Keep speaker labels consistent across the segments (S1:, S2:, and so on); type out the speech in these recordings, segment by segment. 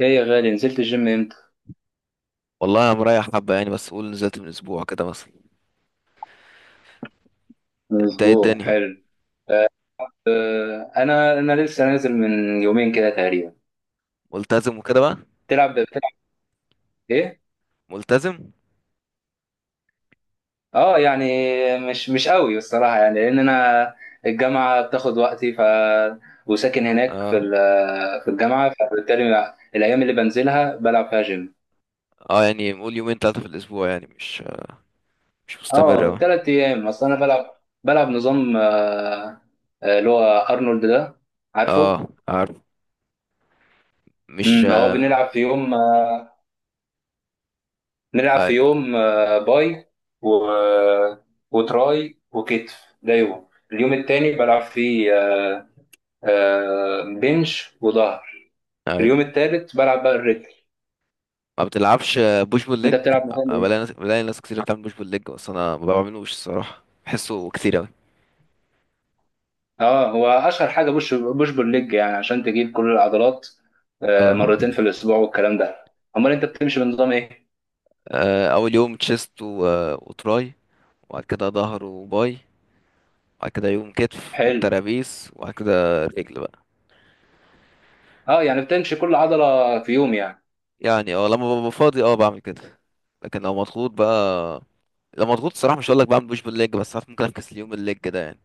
S1: ايه يا غالي، نزلت الجيم امتى؟
S2: والله، انا مريح حبه يعني، بس قول نزلت من اسبوع كده مثلا.
S1: من
S2: انت ايه
S1: اسبوع.
S2: الدنيا؟
S1: حلو. آه، انا لسه نازل من يومين كده تقريبا.
S2: ملتزم وكده بقى.
S1: بتلعب ايه؟
S2: ملتزم.
S1: اه يعني مش قوي الصراحه، يعني لان انا الجامعه بتاخد وقتي، ف وساكن هناك
S2: اه،
S1: في الجامعه، فبالتالي الايام اللي بنزلها بلعب فيها جيم.
S2: اه، يعني قول يومين ثلاثه في الاسبوع، يعني مش مستمر
S1: اه،
S2: أوي.
S1: 3 ايام. اصل انا بلعب نظام، اللي هو ارنولد ده، عارفه؟
S2: اه، عارف. مش
S1: هو
S2: آه،
S1: بنلعب في يوم، نلعب
S2: اي،
S1: في يوم باي و... وتراي وكتف. ده اليوم التاني بلعب فيه بنش وظهر.
S2: اي.
S1: اليوم التالت بلعب بقى الرجل.
S2: ما بتلعبش بوش بول
S1: انت
S2: ليج؟
S1: بتلعب مثلا ايه؟
S2: بلاقي ناس كتير بتعمل بوش بول ليج، بس انا ما بعملوش الصراحه، بحسه كتير اوي.
S1: اه، هو اشهر حاجه بوش بول ليج يعني عشان تجيب كل العضلات
S2: اه.
S1: مرتين في الاسبوع والكلام ده. امال انت بتمشي بنظام ايه؟
S2: اول يوم تشيست و... آه، وتراي، وبعد كده ظهر وباي، وبعد كده يوم كتف
S1: حلو.
S2: والترابيس، وبعد كده رجل بقى.
S1: اه يعني بتمشي كل عضله في يوم يعني.
S2: يعني لما ببقى فاضي بعمل كده. لكن لو مضغوط بقى، لو مضغوط الصراحة مش هقول لك بعمل بوش بالليج، بس ساعات ممكن افكس اليوم الليج ده يعني.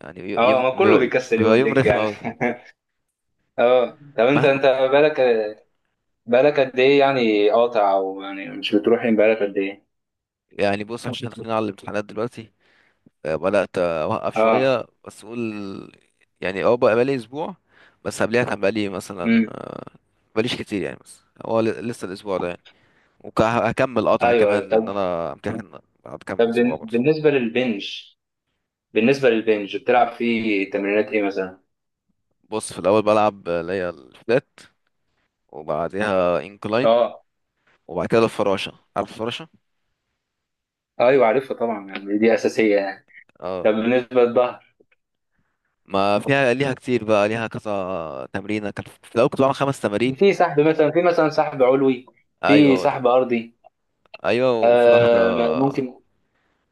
S2: يعني
S1: اه،
S2: يوم
S1: ما كله
S2: بيبقى
S1: بيكسل يوم
S2: بيبقى يوم
S1: الليج
S2: رخم
S1: يعني.
S2: قوي.
S1: اه. طب، انت
S2: مهما...
S1: انت بالك، بقالك قد ايه يعني قاطع، او يعني مش بتروح؟ يعني بقالك قد ايه؟
S2: يعني بص، عشان داخلين على الامتحانات دلوقتي، بدأت اوقف
S1: اه.
S2: شوية، بس اقول يعني بقى بقالي اسبوع. بس قبلها كان بقالي مثلا
S1: امم.
S2: آه، بقاليش كتير يعني، بس هو لسه الاسبوع ده يعني. وهكمل قطع
S1: ايوه ايوه،
S2: كمان، لان
S1: طب.
S2: انا امتحن بعد
S1: طب
S2: كام اسبوع برضه.
S1: بالنسبه للبنج، بالنسبه للبنج بتلعب فيه تمرينات ايه مثلا؟
S2: بص، في الاول بلعب اللي هي الفلات، وبعديها انكلاين،
S1: اه.
S2: وبعد كده الفراشة، عارف الفراشة.
S1: ايوه، عارفها طبعا، يعني دي اساسيه يعني. طب
S2: اه،
S1: بالنسبه للظهر؟
S2: ما فيها ليها كتير بقى، ليها كذا تمرينة، كان في الأول كنت بعمل خمس تمارين.
S1: في مثلا سحب علوي،
S2: أيوة،
S1: في
S2: هو ده.
S1: سحب ارضي.
S2: أيوة، وفي واحدة.
S1: آه، ممكن.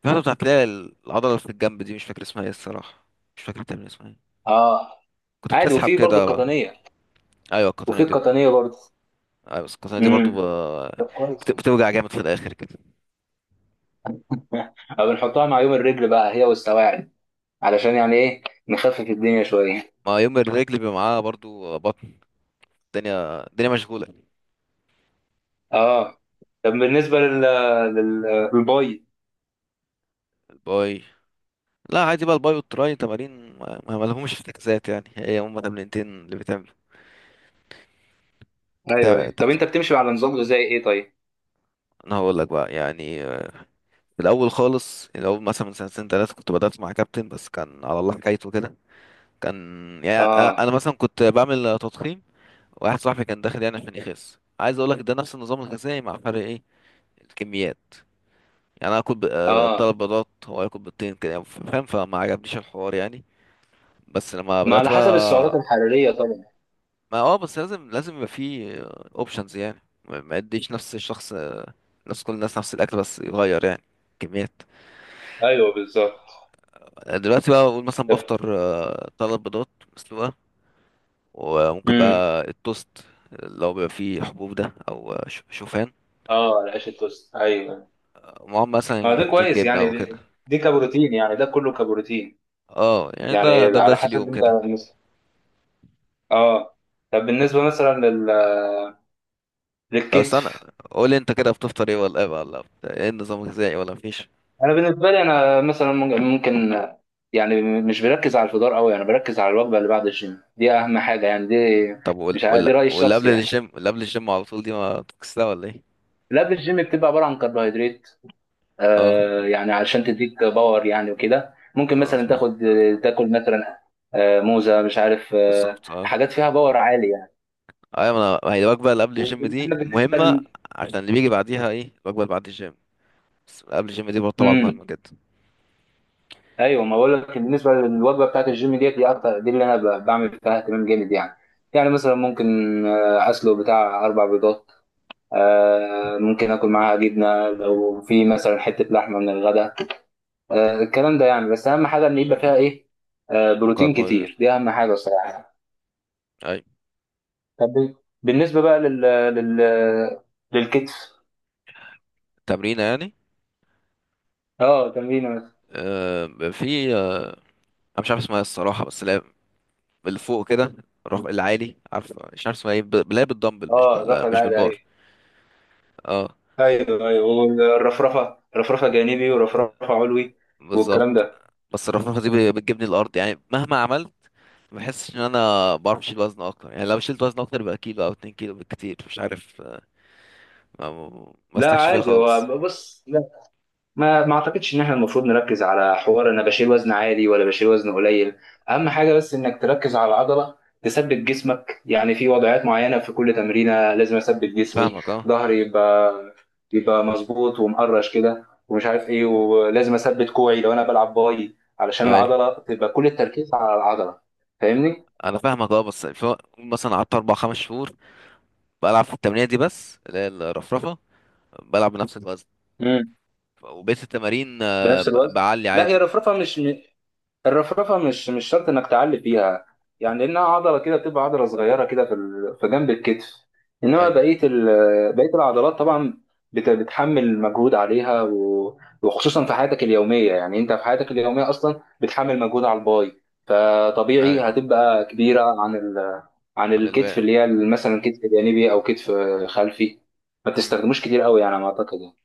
S2: في واحدة بتاعت ليها العضلة اللي في الجنب دي، مش فاكر اسمها ايه الصراحة. مش فاكر التمرين اسمها ايه.
S1: اه،
S2: كنت
S1: عادي.
S2: بتسحب
S1: وفي برضه
S2: كده بقى.
S1: القطنيه.
S2: أيوة، القطنية
S1: وفي
S2: دي بقى.
S1: القطنيه برضه.
S2: أيوة، بس القطنية دي برضو ب...
S1: امم. طب، كويس.
S2: بتوجع جامد في الآخر كده.
S1: أو بنحطها مع يوم الرجل بقى، هي والسواعد، علشان يعني ايه، نخفف الدنيا شويه.
S2: ما يوم الرجل بيبقى معاها برضو بطن. الدنيا الدنيا مشغولة.
S1: اه. طب بالنسبه لل لل للباي.
S2: الباي. لا، عادي بقى، الباي والتراي تمارين ما لهمش في تكزات، يعني هي هما تمرينتين اللي بتعمل.
S1: ايوه ايوه،
S2: طب
S1: طب. انت بتمشي على نظام غذائي ايه طيب؟
S2: انا هقول لك بقى يعني. في الاول خالص، الاول مثلا من سنتين ثلاثه كنت بدات مع كابتن، بس كان على الله حكايته كده. كان، يعني انا
S1: اه.
S2: مثلا كنت بعمل تضخيم. واحد صاحبي كان داخل يعني عشان يخس، عايز اقول لك ده نفس النظام الغذائي، مع فرق ايه؟ الكميات. يعني انا اكل
S1: اه،
S2: تلات بيضات، هو ياكل بيضتين، كده فاهم؟ فما عجبنيش الحوار يعني. بس لما
S1: ما
S2: بدات
S1: على حسب السعرات
S2: بقى،
S1: الحراريه طبعا.
S2: ما بس لازم لازم يبقى فيه اوبشنز يعني، ما يديش نفس الشخص، نفس كل الناس نفس الاكل، بس يغير يعني كميات.
S1: ايوه، بالظبط.
S2: دلوقتي بقى اقول، مثلا
S1: طب.
S2: بفطر تلات بيضات مسلوقه، وممكن
S1: امم.
S2: بقى التوست اللي هو بيبقى فيه حبوب ده، او شوفان،
S1: اه، العيش التوست، ايوه.
S2: معاهم
S1: ما
S2: مثلا
S1: ده
S2: حتة
S1: كويس،
S2: جبنه
S1: يعني
S2: او كده.
S1: دي كبروتين، يعني ده كله كبروتين.
S2: اه، يعني ده
S1: يعني
S2: ده
S1: على
S2: بدايه اليوم
S1: حسب انت.
S2: كده.
S1: اه. طب بالنسبه مثلا
S2: طب استنى،
S1: للكتف.
S2: قول انت كده بتفطر ايه ولا ايه بقى؟ ولا ايه النظام الغذائي ولا مفيش؟
S1: انا بالنسبه لي، انا مثلا ممكن يعني مش بركز على الفطار قوي، يعني بركز على الوجبه اللي بعد الجيم دي، اهم حاجه يعني دي.
S2: طب ولا
S1: مش عارف، دي
S2: ولا
S1: رايي
S2: ولا قبل
S1: الشخصي يعني.
S2: الجيم ولا قبل الجيم على طول، دي ما بتكسلها ولا ايه؟
S1: اللي قبل الجيم بتبقى عباره عن كربوهيدرات،
S2: اه،
S1: يعني علشان تديك باور يعني، وكده ممكن مثلا تاخد، تاكل مثلا موزه، مش عارف،
S2: بالظبط اه.
S1: حاجات فيها باور عالي يعني.
S2: ايوه، ما انا، ما هي الوجبه اللي قبل الجيم
S1: اما
S2: دي
S1: بالنسبه
S2: مهمه، عشان اللي بيجي بعديها ايه الوجبه اللي بعد الجيم. بس قبل الجيم دي برضه طبعا
S1: مم.
S2: مهمه جدا.
S1: ايوه، ما بقول لك، بالنسبه للوجبه بتاعت الجيم ديت، دي اكتر، دي اللي انا بعمل فيها اهتمام جامد يعني. يعني مثلا ممكن اسلق بتاع اربع بيضات، ممكن اكل معاها جبنه، لو في مثلا حته لحمه من الغداء، الكلام ده يعني. بس اهم حاجه ان يبقى
S2: مم.
S1: فيها ايه، بروتين
S2: كربوهيدرات.
S1: كتير، دي اهم حاجه الصراحه.
S2: اي.
S1: طب بالنسبه بقى لل لل للكتف.
S2: تمرينه يعني.
S1: اه، تمرين مثلا.
S2: في انا مش عارف اسمها إيه الصراحه، بس اللي هي اللي فوق كده، العالي، عارف؟ مش عارف اسمها ايه، اللي هي بالدمبل، مش
S1: اه، الرفع
S2: مش
S1: العالي، ايوه.
S2: بالبار. اه،
S1: ايوه ايوه، والرفرفه، رفرفه جانبي ورفرفه علوي والكلام
S2: بالظبط.
S1: ده.
S2: بس الرفرفه دي بتجيبني الارض يعني مهما عملت، ما بحسش ان انا بعرف اشيل وزن اكتر، يعني لو شلت وزن اكتر يبقى كيلو او اتنين كيلو بالكتير، مش عارف. ما
S1: لا،
S2: مسلكش فيها
S1: عادي. هو،
S2: خالص.
S1: بص، لا، ما اعتقدش ان احنا المفروض نركز على حوار انا بشيل وزن عالي ولا بشيل وزن قليل. اهم حاجه بس انك تركز على العضله، تثبت جسمك يعني في وضعيات معينه. في كل تمرينه لازم اثبت جسمي.
S2: فاهمك اه.
S1: ظهري يبقى مظبوط ومقرش كده ومش عارف ايه، ولازم اثبت كوعي لو انا بلعب باي، علشان
S2: ايوه،
S1: العضله تبقى، كل التركيز على العضله. فاهمني.
S2: انا فاهمك اه، بس مثلا قعدت اربع خمس شهور بلعب في التمرينه دي بس، اللي هي الرفرفه، بلعب بنفس الوزن.
S1: امم.
S2: وبقيت التمارين
S1: بنفس الوزن.
S2: بعلي
S1: لا، هي
S2: عادي.
S1: الرفرفه مش، الرفرفه مش شرط انك تعلي فيها، يعني لانها عضله كده، بتبقى عضله صغيره كده في جنب الكتف. انما
S2: ايوه،
S1: بقيه العضلات طبعا بتحمل مجهود عليها، و- وخصوصا في حياتك اليوميه يعني. انت في حياتك اليوميه اصلا بتحمل مجهود على الباي، فطبيعي
S2: ايوه.
S1: هتبقى كبيره عن
S2: عن
S1: الكتف
S2: الباقي.
S1: اللي هي مثلا كتف جانبي او كتف خلفي. ما
S2: مم.
S1: تستخدموش كتير قوي يعني على ما اعتقد يعني.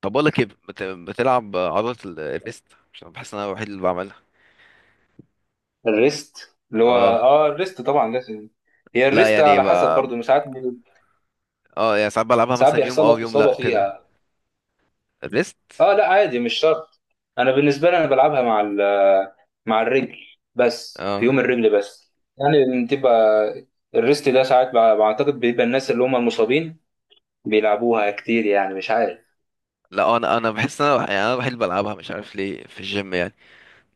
S2: طب بقول لك ايه، بتلعب عضله الريست؟ عشان بحس ان انا الوحيد اللي بعملها.
S1: الريست اللي هو
S2: اه.
S1: اه الريست طبعا لازم. هي
S2: لا،
S1: الريست
S2: يعني
S1: على
S2: ب...
S1: حسب برضو مش عارف.
S2: اه، يعني ساعات بلعبها،
S1: ساعات
S2: مثلا يوم
S1: بيحصل لك
S2: ويوم
S1: اصابه
S2: لا كده.
S1: فيها.
S2: الريست.
S1: اه، لا، عادي، مش شرط. انا بالنسبه لي، انا بلعبها مع مع الرجل، بس في
S2: اه،
S1: يوم الرجل بس. يعني بتبقى الريست ده ساعات، بعتقد بيبقى الناس اللي هم المصابين بيلعبوها كتير، يعني مش عارف.
S2: لا، انا بحس ان انا يعني انا الوحيد اللي بلعبها، مش عارف ليه في الجيم يعني.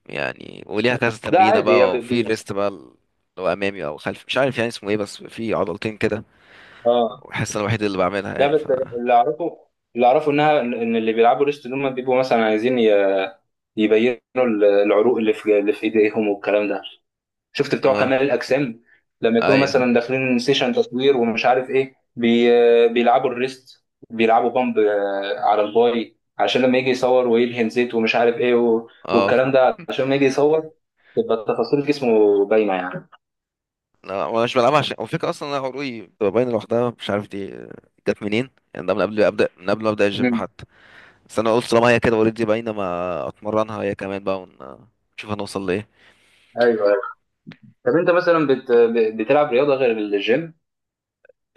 S2: يعني وليها كذا
S1: لا،
S2: تمرينة
S1: عادي.
S2: بقى، وفي ليست بقى اللي هو أمامي أو خلفي، مش عارف يعني اسمه إيه، بس في عضلتين كده،
S1: اه،
S2: وبحس أنا الوحيد اللي بعملها
S1: لا.
S2: يعني، ف...
S1: اللي اعرفه اللي اعرفه انها ان إن اللي بيلعبوا ريست دول هم بيبقوا مثلا عايزين يبينوا العروق اللي في ايديهم والكلام ده. شفت بتوع كمال
S2: آه.
S1: الاجسام لما يكونوا
S2: أيوه.
S1: مثلا داخلين سيشن تصوير، ومش عارف ايه، بيلعبوا الريست، بيلعبوا بامب على الباي، عشان لما يجي يصور ويدهن زيت ومش عارف ايه، و...
S2: آه.
S1: والكلام ده، عشان لما يجي يصور تبقى تفاصيل جسمه باينه يعني.
S2: لا، وأنا مش بلعبها، عشان وفكرة أصلا أنا عروقي بتبقى باينة لوحدها، مش عارف دي جت منين يعني، ده من قبل أبدأ من قبل ما أبدأ الجيم
S1: مم.
S2: حتى. بس أنا قلت، طالما هي كده أوريدي باينة، ما أتمرنها هي كمان بقى، ون... نشوف هنوصل لإيه.
S1: ايوه ايوه، طب انت مثلا بتلعب رياضه غير الجيم؟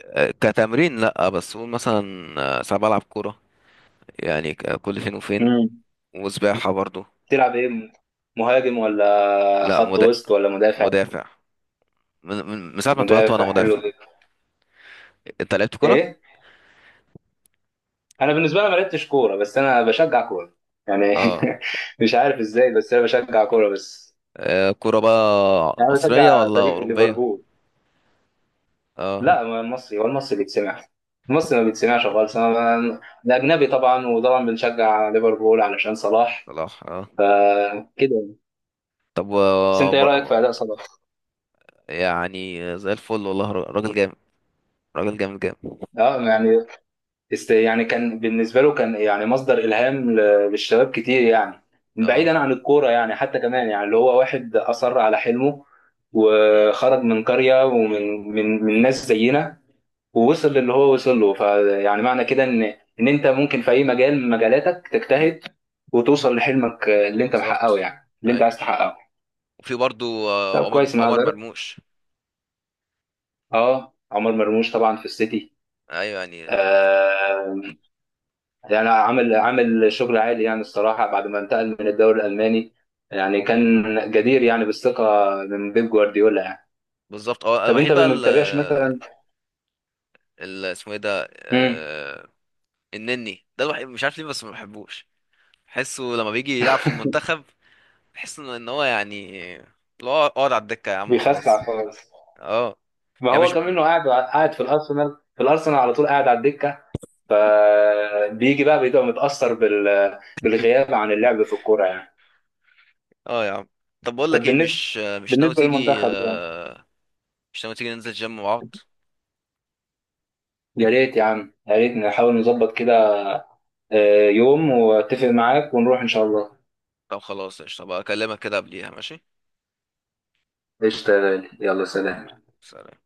S2: كتمرين لأ، بس قول مثلا ساعات بلعب كورة، يعني كل فين وفين،
S1: مم.
S2: وسباحة برضو.
S1: بتلعب ايه؟ مهاجم، ولا
S2: لأ،
S1: خط وسط، ولا مدافع؟
S2: مدافع. من ساعة ما اتولدت وانا
S1: مدافع، حلو
S2: مدافع.
S1: ده.
S2: انت لعبت كرة؟
S1: ايه، انا بالنسبه لي ما لعبتش كوره، بس انا بشجع كوره يعني.
S2: اه.
S1: مش عارف ازاي، بس انا بشجع كوره بس.
S2: كرة بقى
S1: يعني انا
S2: مصرية
S1: بشجع
S2: ولا
S1: فريق
S2: أوروبية؟
S1: ليفربول.
S2: اه.
S1: لا، ما المصري هو المصري بيتسمع. المصري ما بيتسمعش خالص. الاجنبي طبعا، وطبعا بنشجع ليفربول علشان صلاح،
S2: صلاح اه.
S1: فكده.
S2: طب
S1: بس انت ايه رايك في اداء صلاح؟
S2: يعني زي الفل، والله راجل جامد، راجل جامد جامد.
S1: اه يعني، يعني كان بالنسبة له، كان يعني مصدر إلهام للشباب كتير يعني،
S2: اه.
S1: بعيدا عن الكورة يعني، حتى كمان يعني، اللي هو واحد أصر على حلمه
S2: امم.
S1: وخرج من قرية، ومن من من ناس زينا، ووصل للي هو وصل له. فيعني، معنى كده إن أنت ممكن في أي مجال من مجالاتك تجتهد، وتوصل لحلمك اللي أنت
S2: بالظبط.
S1: محققه، يعني اللي أنت
S2: ايوه،
S1: عايز تحققه.
S2: وفي برضو
S1: طب
S2: عمر
S1: كويس، ما
S2: عمر
S1: جربت.
S2: مرموش.
S1: أه، عمر مرموش طبعا في السيتي.
S2: ايوه يعني.
S1: آه يعني، عامل شغل عالي يعني الصراحة، بعد ما انتقل من الدوري الألماني يعني،
S2: امم.
S1: كان جدير يعني بالثقة من بيب جوارديولا يعني.
S2: بالظبط اه.
S1: طب أنت
S2: الوحيد بقى
S1: ما
S2: ال...
S1: بتتابعش مثلا.
S2: اسمه ايه ده
S1: امم.
S2: آه، النني ده الوحيد، مش عارف ليه بس ما بحبوش، بحسه لما بيجي يلعب في المنتخب، بحس ان هو يعني، اللي هو، اقعد على الدكة يا عم خلاص.
S1: بيخسع خالص.
S2: اه.
S1: ما
S2: يعني
S1: هو
S2: مش.
S1: كمان، إنه قاعد في الأرسنال على طول قاعد على الدكة، فبيجي بقى بيبقى متأثر بالغياب عن اللعب في الكورة يعني.
S2: اه يا عم. طب بقول
S1: طب
S2: لك ايه،
S1: بالنسبة
S2: مش ناوي
S1: بالنسبة
S2: تيجي
S1: للمنتخب يعني.
S2: آه، مش ناوي تيجي ننزل جيم مع بعض؟
S1: يا ريت يا عم، يا ريت نحاول نظبط كده يوم واتفق معاك ونروح إن شاء الله.
S2: طب خلاص، قشطة بقى، اكلمك كده قبليها ماشي.
S1: قشطة يا غالي. يلا، سلام.
S2: سلام.